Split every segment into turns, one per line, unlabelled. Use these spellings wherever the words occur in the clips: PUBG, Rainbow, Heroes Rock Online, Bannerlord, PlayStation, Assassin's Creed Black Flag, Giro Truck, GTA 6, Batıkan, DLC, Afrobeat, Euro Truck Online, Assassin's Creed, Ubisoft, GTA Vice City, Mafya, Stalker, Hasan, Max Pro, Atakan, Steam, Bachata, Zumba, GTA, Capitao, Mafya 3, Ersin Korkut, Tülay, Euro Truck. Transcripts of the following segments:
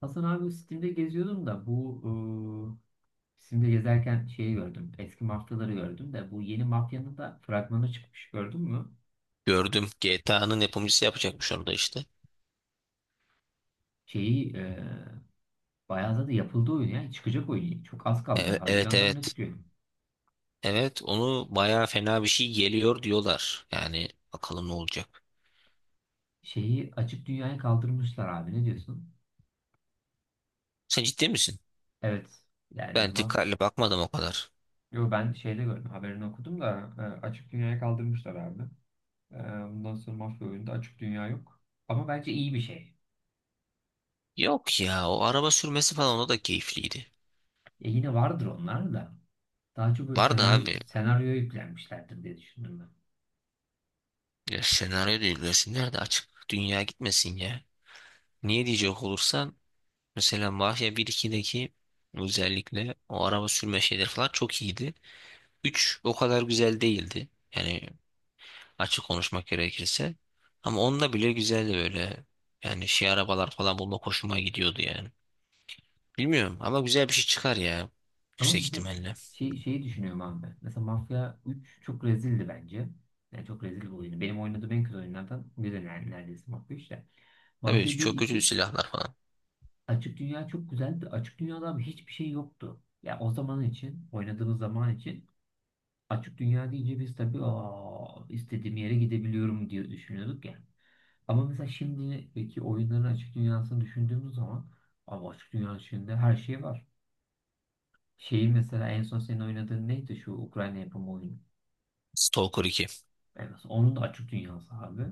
Hasan abi Steam'de geziyordum da bu Steam'de gezerken şeyi gördüm. Eski mafyaları gördüm de bu yeni mafyanın da fragmanı çıkmış, gördün mü?
Gördüm. GTA'nın yapımcısı yapacakmış onu da işte.
Şeyi e, bayağı da yapıldı oyun ya. Çıkacak oyun. Çok az kaldı.
Evet evet.
Haziran'da mı ne
Evet,
çıkıyor?
evet onu bayağı fena bir şey geliyor diyorlar. Yani bakalım ne olacak.
Şeyi açık dünyaya kaldırmışlar abi. Ne diyorsun?
Sen ciddi misin?
Evet. Yani
Ben
maf...
dikkatli bakmadım o kadar.
Yo, ben şeyde gördüm. Haberini okudum da açık dünyaya kaldırmışlar abi. E, Bundan sonra mafya oyunda açık dünya yok. Ama bence iyi bir şey.
Yok ya, o araba sürmesi falan o da keyifliydi.
Yine vardır onlar da. Daha çok böyle
Vardı
senaryo,
abi.
senaryoya yüklenmişlerdir diye düşündüm ben.
Ya senaryo değil, resimler de açık. Dünya gitmesin ya. Niye diyecek olursan mesela Mafya 1-2'deki özellikle o araba sürme şeyleri falan çok iyiydi. 3 o kadar güzel değildi. Yani açık konuşmak gerekirse. Ama onda bile güzeldi böyle. Yani şey, arabalar falan bulmak hoşuma gidiyordu yani. Bilmiyorum ama güzel bir şey çıkar ya.
Ama
Yüksek
mesela
ihtimalle.
şeyi düşünüyorum abi. Mesela Mafya 3 çok rezildi bence. Yani çok rezil bir oyunu. Benim oynadığım en kötü oyunlardan biri neredeyse Mafya 3 de.
Tabii
Mafya bir
çok kötü
2
silahlar falan.
açık dünya çok güzeldi. Açık dünyada abi hiçbir şey yoktu. Ya o zaman için, oynadığımız zaman için, açık dünya deyince biz tabii, aa, istediğim yere gidebiliyorum diye düşünüyorduk ya. Ama mesela şimdiki oyunların açık dünyasını düşündüğümüz zaman abi, açık dünyanın içinde her şey var. Şeyi mesela en son senin oynadığın neydi, şu Ukrayna yapımı oyunu?
Stalker iki.
Yani mesela onun da açık dünyası abi.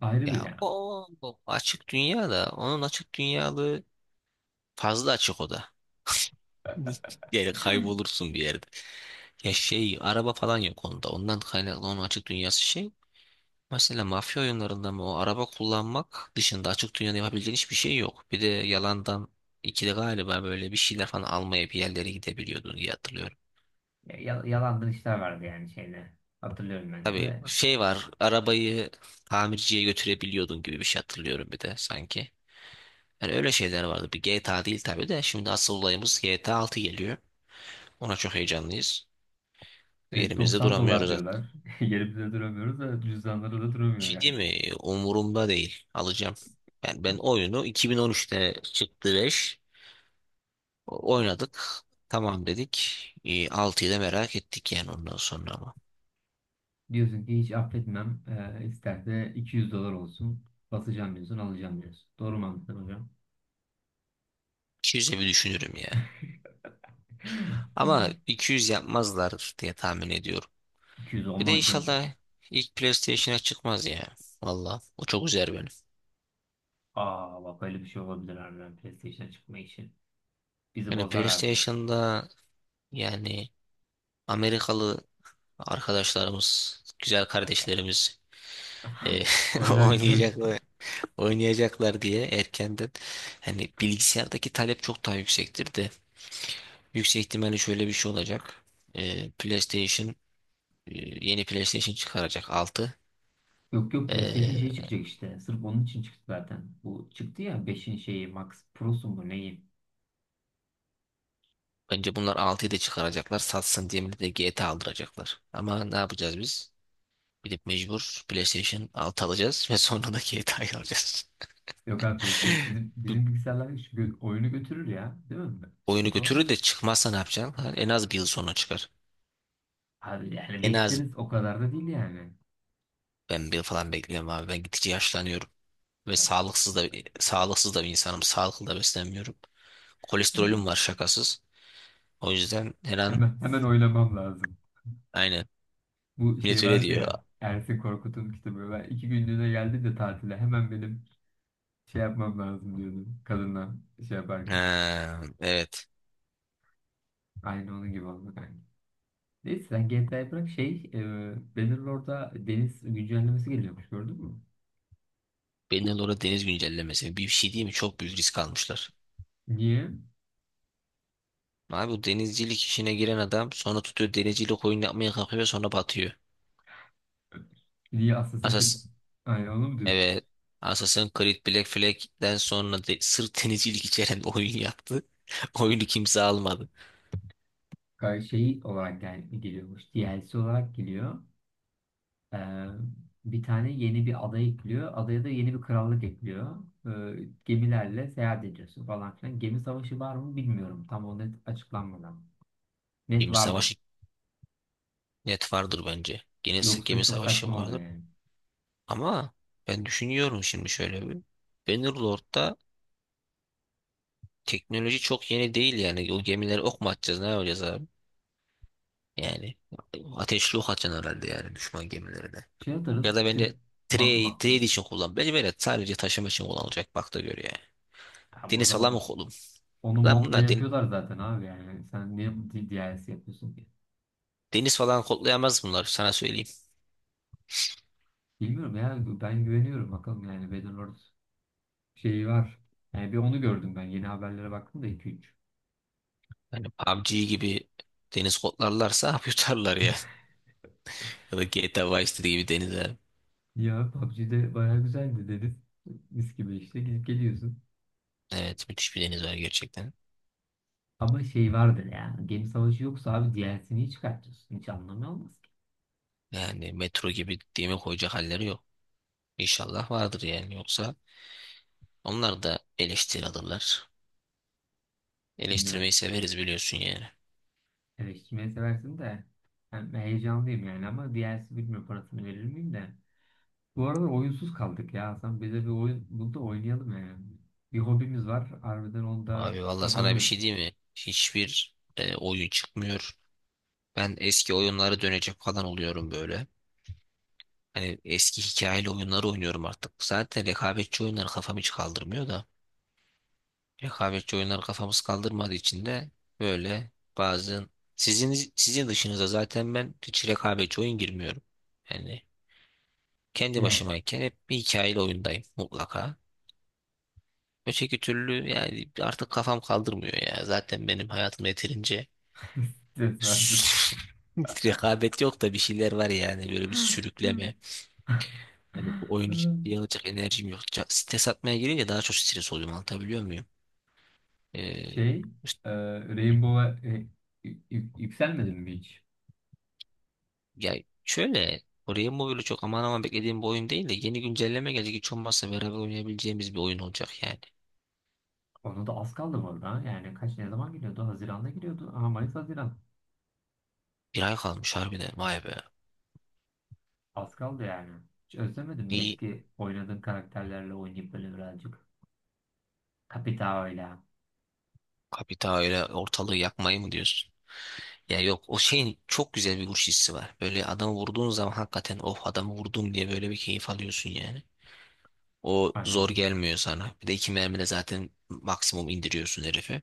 Ayrı bir
Ya
yani.
o açık dünya da, onun açık dünyalığı fazla açık o da. Yani kaybolursun bir yerde. Ya şey, araba falan yok onda. Ondan kaynaklı onun açık dünyası şey. Mesela mafya oyunlarında mı o araba kullanmak dışında açık dünyada yapabildiğin hiçbir şey yok. Bir de yalandan ikide galiba böyle bir şeyler falan almaya bir yerlere gidebiliyordun diye hatırlıyorum.
Yalandan işler vardı yani şeyde. Hatırlıyorum ben de
Tabii
de.
şey var, arabayı tamirciye götürebiliyordun gibi bir şey hatırlıyorum bir de sanki. Yani öyle şeyler vardı. Bir GTA değil tabii de, şimdi asıl olayımız GTA 6 geliyor. Ona çok heyecanlıyız.
E,
Yerimizde
90 dolar
duramıyoruz zaten.
diyorlar. Yerimizde duramıyoruz da cüzdanları da duramıyor
Şey,
yani.
değil mi? Umurumda değil. Alacağım. Yani ben oyunu, 2013'te çıktı 5. Oynadık. Tamam dedik. 6'yı da merak ettik yani ondan sonra ama.
Diyorsun ki hiç affetmem. İsterse 200 dolar olsun. Basacağım diyorsun, alacağım diyorsun. Doğru mu anladım hocam?
200'e bir düşünürüm ya. Ama
Hmm.
200 yapmazlar diye tahmin ediyorum.
200
Bir de
olmaz canım.
inşallah ilk PlayStation'a çıkmaz ya. Valla o çok üzer beni.
Aa, bak, öyle bir şey olabilir harbiden, PlayStation'a çıkma işi. Bizi
Yani
bozar harbiden.
PlayStation'da, yani Amerikalı arkadaşlarımız, güzel kardeşlerimiz e,
Oynarken.
oynayacaklar, oynayacaklar diye erkenden, hani bilgisayardaki talep çok daha yüksektir de, yüksek ihtimalle şöyle bir şey olacak. PlayStation, e, yeni PlayStation çıkaracak 6.
Yok yok, PlayStation şey
Ee,
çıkacak işte. Sırf onun için çıktı zaten. Bu çıktı ya, beşin şeyi Max Pro'su mu neyi?
bence bunlar altıyı da çıkaracaklar. Satsın diye millet de GTA aldıracaklar. Ama ne yapacağız biz? Gidip mecbur PlayStation 6 alacağız ve sonra da GTA'yı alacağız.
Yok abi, PlayStation
Bu
bizim bilgisayarlar şu oyunu götürür ya. Değil mi?
oyunu
Sıkıntı o.
götürür de çıkmazsa ne yapacaksın? Ha, en az bir yıl sonra çıkar.
Abi yani
En az
bekleriz, o kadar da değil yani.
ben bir yıl falan bekliyorum abi. Ben gittikçe yaşlanıyorum. Ve sağlıksız da bir insanım. Sağlıklı da beslenmiyorum. Kolesterolüm var şakasız. O yüzden her an.
Hemen oylamam lazım.
Aynen.
Bu
Millet
şey
öyle
vardı
diyor.
ya, Ersin Korkut'un kitabı. Ben iki günlüğüne geldi de tatile hemen benim şey yapmam lazım diyordum kadınla şey yaparken.
Ha, evet.
Aynı onun gibi oldu kanka. Neyse, sen GTA'yı bırak, Bannerlord'a deniz güncellemesi geliyormuş, gördün mü?
Bennelora deniz güncellemesi. Bir şey değil mi? Çok büyük risk almışlar.
Niye?
Abi, bu denizcilik işine giren adam sonra tutuyor denizcilik oyun yapmaya kalkıyor, sonra batıyor.
Niye Assassin's Creed?
Asas
Aynen onu mu diyorsun?
evet. Assassin's Creed Black Flag'den sonra de, sırf denizcilik içeren oyun yaptı. Oyunu kimse almadı.
Kanka şey olarak geliyormuş. DLC olarak geliyor. Ee, Bir tane yeni bir ada ekliyor. Adaya da yeni bir krallık ekliyor. Gemilerle seyahat ediyorsun falan filan. Gemi savaşı var mı bilmiyorum. Tam o net açıklanmadan. Net
Gemi
vardır.
savaşı net vardır bence. Gene
Yoksa
gemi
çok
savaşı
saçma oluyor
vardır.
yani.
Ama ben düşünüyorum şimdi şöyle bir. Bannerlord'da teknoloji çok yeni değil yani. O gemileri ok mu atacağız, ne yapacağız abi? Yani ateşli ok atacaksın herhalde yani düşman gemilerine.
Şey
Ya
atarız.
da bence
Ma-
trade
ma-
için kullan. Bence böyle sadece taşıma için kullanılacak, bak da gör ya.
Tamam, o
Deniz falan mı
zaman
kolum?
onu
Lan
modla
bunlar
yapıyorlar zaten abi yani. Sen niye bu DLC yapıyorsun ki?
deniz falan kodlayamaz bunlar, sana söyleyeyim.
Bilmiyorum ya, ben güveniyorum bakalım, yani Battlelord şeyi var. Yani bir onu gördüm ben. Yeni haberlere baktım da iki üç.
Yani PUBG gibi deniz kodlarlarsa yutarlar ya. Ya da GTA Vice City gibi deniz var.
Ya PUBG'de bayağı güzeldi dedin. Mis gibi işte, gidip geliyorsun.
Evet, müthiş bir deniz var gerçekten.
Ama şey vardır ya. Gemi savaşı yoksa abi DLC'ni niye çıkartıyorsun? Hiç anlamı olmaz ki.
Yani metro gibi demir koyacak halleri yok. İnşallah vardır yani, yoksa onlar da eleştiri alırlar. Eleştirmeyi
Bilmiyorum.
severiz biliyorsun yani.
Eleştirmeyi seversin de. Ben heyecanlıyım yani, ama DLC bilmiyorum, parasını verir miyim de. Bu arada oyunsuz kaldık ya Hasan. Bize bir oyun bul da oynayalım yani. Bir hobimiz var, harbiden onu da
Abi valla sana bir
yapamıyoruz.
şey diyeyim mi? Hiçbir oyun çıkmıyor. Ben eski oyunlara dönecek falan oluyorum böyle. Hani eski hikayeli oyunları oynuyorum artık. Zaten rekabetçi oyunlar kafam hiç kaldırmıyor da. Rekabetçi oyunlar kafamız kaldırmadığı için de böyle bazen, sizin dışınıza zaten ben hiç rekabetçi oyun girmiyorum. Yani kendi
Yani.
başımayken hep bir hikayeli oyundayım mutlaka. Öteki türlü yani artık kafam kaldırmıyor ya. Zaten benim hayatım yeterince
Stres verdi.
rekabet yok da bir şeyler var yani, böyle bir sürükleme. Yani bu oyunu ciddiye alacak enerjim yok. Stres atmaya girince daha çok stres oluyorum, anlatabiliyor muyum? Ee,
Şey,
işte-
e, Rainbow'a yükselmedin mi hiç?
ya şöyle, oraya Mobile'ı çok aman aman beklediğim bir oyun değil de yeni güncelleme gelecek, hiç olmazsa beraber oynayabileceğimiz bir oyun olacak yani.
Ona da az kaldı bu arada. Yani kaç, ne zaman giriyordu? Haziran'da giriyordu. Aha, Mayıs Haziran.
Bir ay kalmış harbiden, vay be.
Az kaldı yani. Hiç özlemedin mi
İyi,
eski oynadığın karakterlerle oynayıp böyle birazcık? Capitao'yla.
kapita öyle ortalığı yakmayı mı diyorsun? Ya yok, o şeyin çok güzel bir vuruş hissi var. Böyle adamı vurduğun zaman hakikaten, of, adamı vurdum diye böyle bir keyif alıyorsun yani. O zor
Aynen.
gelmiyor sana. Bir de iki mermide zaten maksimum indiriyorsun herifi.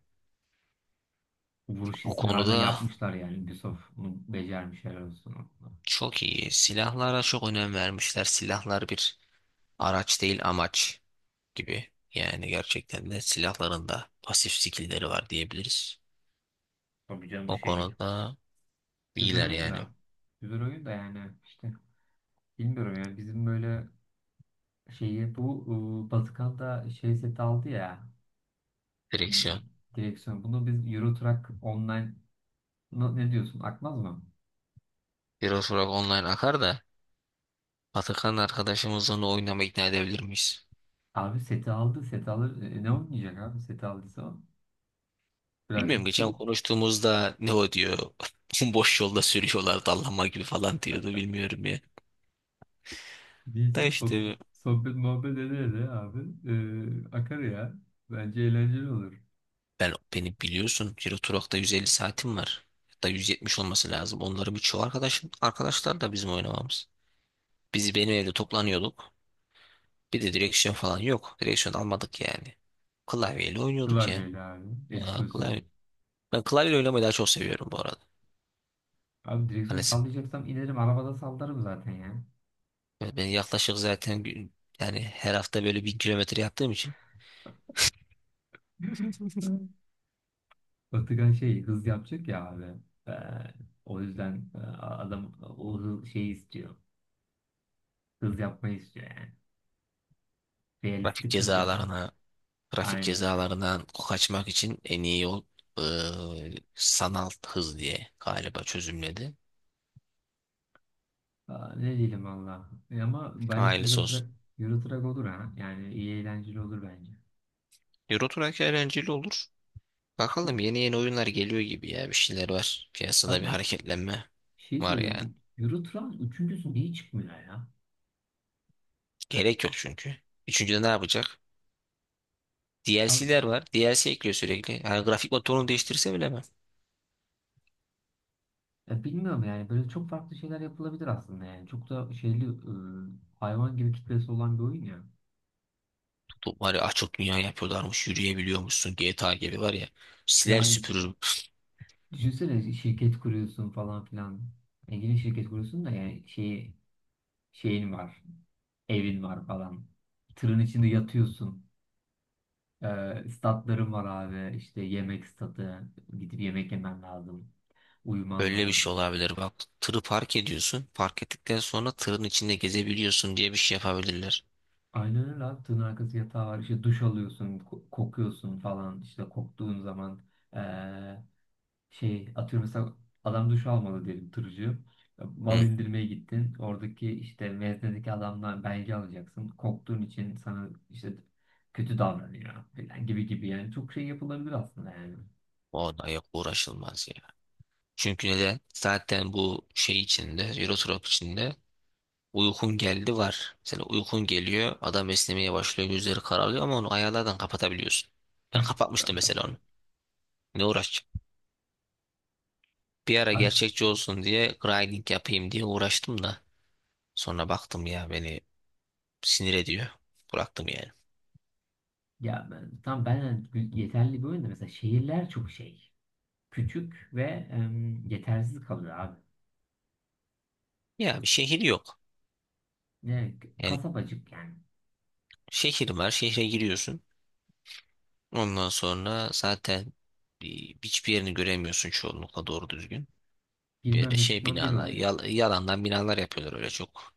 Vuruş
Bu
hissini harbiden
konuda
yapmışlar yani. Ubisoft bunu becermiş, helal olsun.
çok iyi. Silahlara çok önem vermişler. Silahlar bir araç değil, amaç gibi. Yani gerçekten de silahların da pasif skill'leri var diyebiliriz.
Tabii canım
O
şey.
konuda
Güzel
iyiler
oyun
yani.
da. Güzel oyun da yani işte. Bilmiyorum ya, bizim böyle şeyi bu Batıkan'da şey seti aldı ya. Hmm,
Direksiyon.
direksiyon. Bunu biz Euro Truck Online ne diyorsun? Akmaz mı?
Heroes Rock Online akar da, Atakan arkadaşımızla onu oynama ikna edebilir miyiz?
Abi seti aldı. Seti alır. Ne oynayacak abi? Seti aldıysa o.
Bilmiyorum,
Birazcık
geçen
tır
konuştuğumuzda ne o diyor. Boş yolda sürüyorlar dallama gibi falan diyordu, bilmiyorum ya. Da
diyeceğim.
işte,
Sohbet muhabbet ede ede abi. E, akar ya. Bence eğlenceli olur.
beni biliyorsun, Giro Truck'ta 150 saatim var. Hatta 170 olması lazım. Onların birçoğu arkadaşım, arkadaşlar da bizim oynamamız. Biz benim evde toplanıyorduk. Bir de direksiyon falan yok. Direksiyon almadık yani. Klavyeyle oynuyorduk yani.
Klavyeyle abi. Eski
Ya,
usul.
klavye. Ben klavye oynamayı daha çok seviyorum bu arada.
Abi direksiyon
Hani
sallayacaksam inerim. Arabada sallarım zaten ya.
ben yaklaşık, zaten yani her hafta böyle 1.000 kilometre yaptığım için.
Batıkan şey hız yapacak ya abi. Ee, O yüzden adam o şeyi istiyor. Hız yapmayı istiyor yani.
Trafik
Realistik kız yapma.
cezalarına, trafik
Aynen.
cezalarından kaçmak için en iyi yol sanal hız diye galiba çözümledi.
Aa, ne diyelim valla. E ama belki
Ailesi olsun.
Euro Truck olur ha. Yani iyi, eğlenceli olur bence.
Euro Truck eğlenceli olur. Bakalım, yeni yeni oyunlar geliyor gibi ya. Bir şeyler var. Piyasada bir
Abi ş-
hareketlenme
şey
var
soruyorum, o
yani.
Euro Truck'ın üçüncüsü niye çıkmıyor ya?
Gerek yok çünkü. Üçüncüde ne yapacak?
Abi,
DLC'ler var. DLC ekliyor sürekli. Yani grafik motorunu değiştirse bile mi?
ya bilmiyorum yani. Böyle çok farklı şeyler yapılabilir aslında yani. Çok da şeyli hayvan gibi kitlesi olan bir oyun ya.
Tutup var ya, açık dünya yapıyorlarmış. Yürüyebiliyormuşsun. GTA gibi var ya. Siler
Yani
süpürür.
düşünsene, şirket kuruyorsun falan filan. Yani yine şirket kuruyorsun da yani şey, şeyin var. Evin var falan. Tırın içinde yatıyorsun. Statlarım var abi. İşte yemek statı. Gidip yemek yemen lazım. Uyuman
Böyle bir şey
lazım.
olabilir bak. Tırı park ediyorsun. Park ettikten sonra tırın içinde gezebiliyorsun diye bir şey yapabilirler.
Aynen öyle abi. Tığın arkası yatağı var. İşte duş alıyorsun. Kokuyorsun falan. İşte koktuğun zaman, ee, şey atıyorum mesela, adam duş almadı diyelim, tırcı. Mal
Hı.
indirmeye gittin. Oradaki işte meznedeki adamdan belge alacaksın. Koktuğun için sana işte kötü davranıyor falan, gibi gibi yani. Çok şey yapılabilir aslında yani.
O da yok, uğraşılmaz ya. Çünkü neden? Zaten bu şey içinde, Euro Truck içinde uykun geldi var. Mesela uykun geliyor, adam esnemeye başlıyor, gözleri kararıyor ama onu ayarlardan kapatabiliyorsun. Ben kapatmıştım mesela onu. Ne uğraşacağım? Bir ara gerçekçi olsun diye grinding yapayım diye uğraştım da sonra baktım, ya, beni sinir ediyor. Bıraktım yani.
Tam ben yeterli bir oyun da, mesela şehirler çok şey. Küçük ve yetersiz kalıyor abi.
Ya bir şehir yok.
Ne,
Yani
kasabacık yani.
şehir var. Şehre giriyorsun. Ondan sonra zaten e, hiçbir yerini göremiyorsun çoğunlukla doğru düzgün. Böyle
Girmem ve
şey
çıkmam bir
binalar,
oluyor.
yalandan binalar yapıyorlar öyle çok.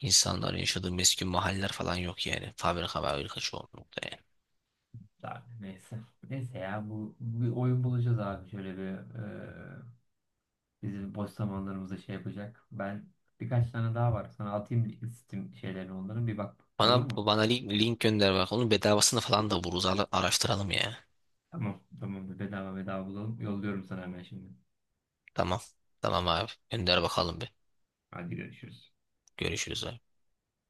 İnsanların yaşadığı meskun mahalleler falan yok yani. Fabrika var, fabrika çoğunlukla yani.
Abi neyse. Neyse ya, bu bir oyun bulacağız abi. Şöyle bir e, bizim boş zamanlarımızda şey yapacak. Ben birkaç tane daha var. Sana atayım Steam şeylerini, onların bir bak.
Bana,
Olur mu?
bana link gönder bak. Onun bedavasını falan da buluruz. Araştıralım ya.
Tamam. Tamam. Bedava bedava bulalım. Yolluyorum sana hemen şimdi.
Tamam. Tamam abi. Gönder bakalım bir.
Hadi görüşürüz.
Görüşürüz abi.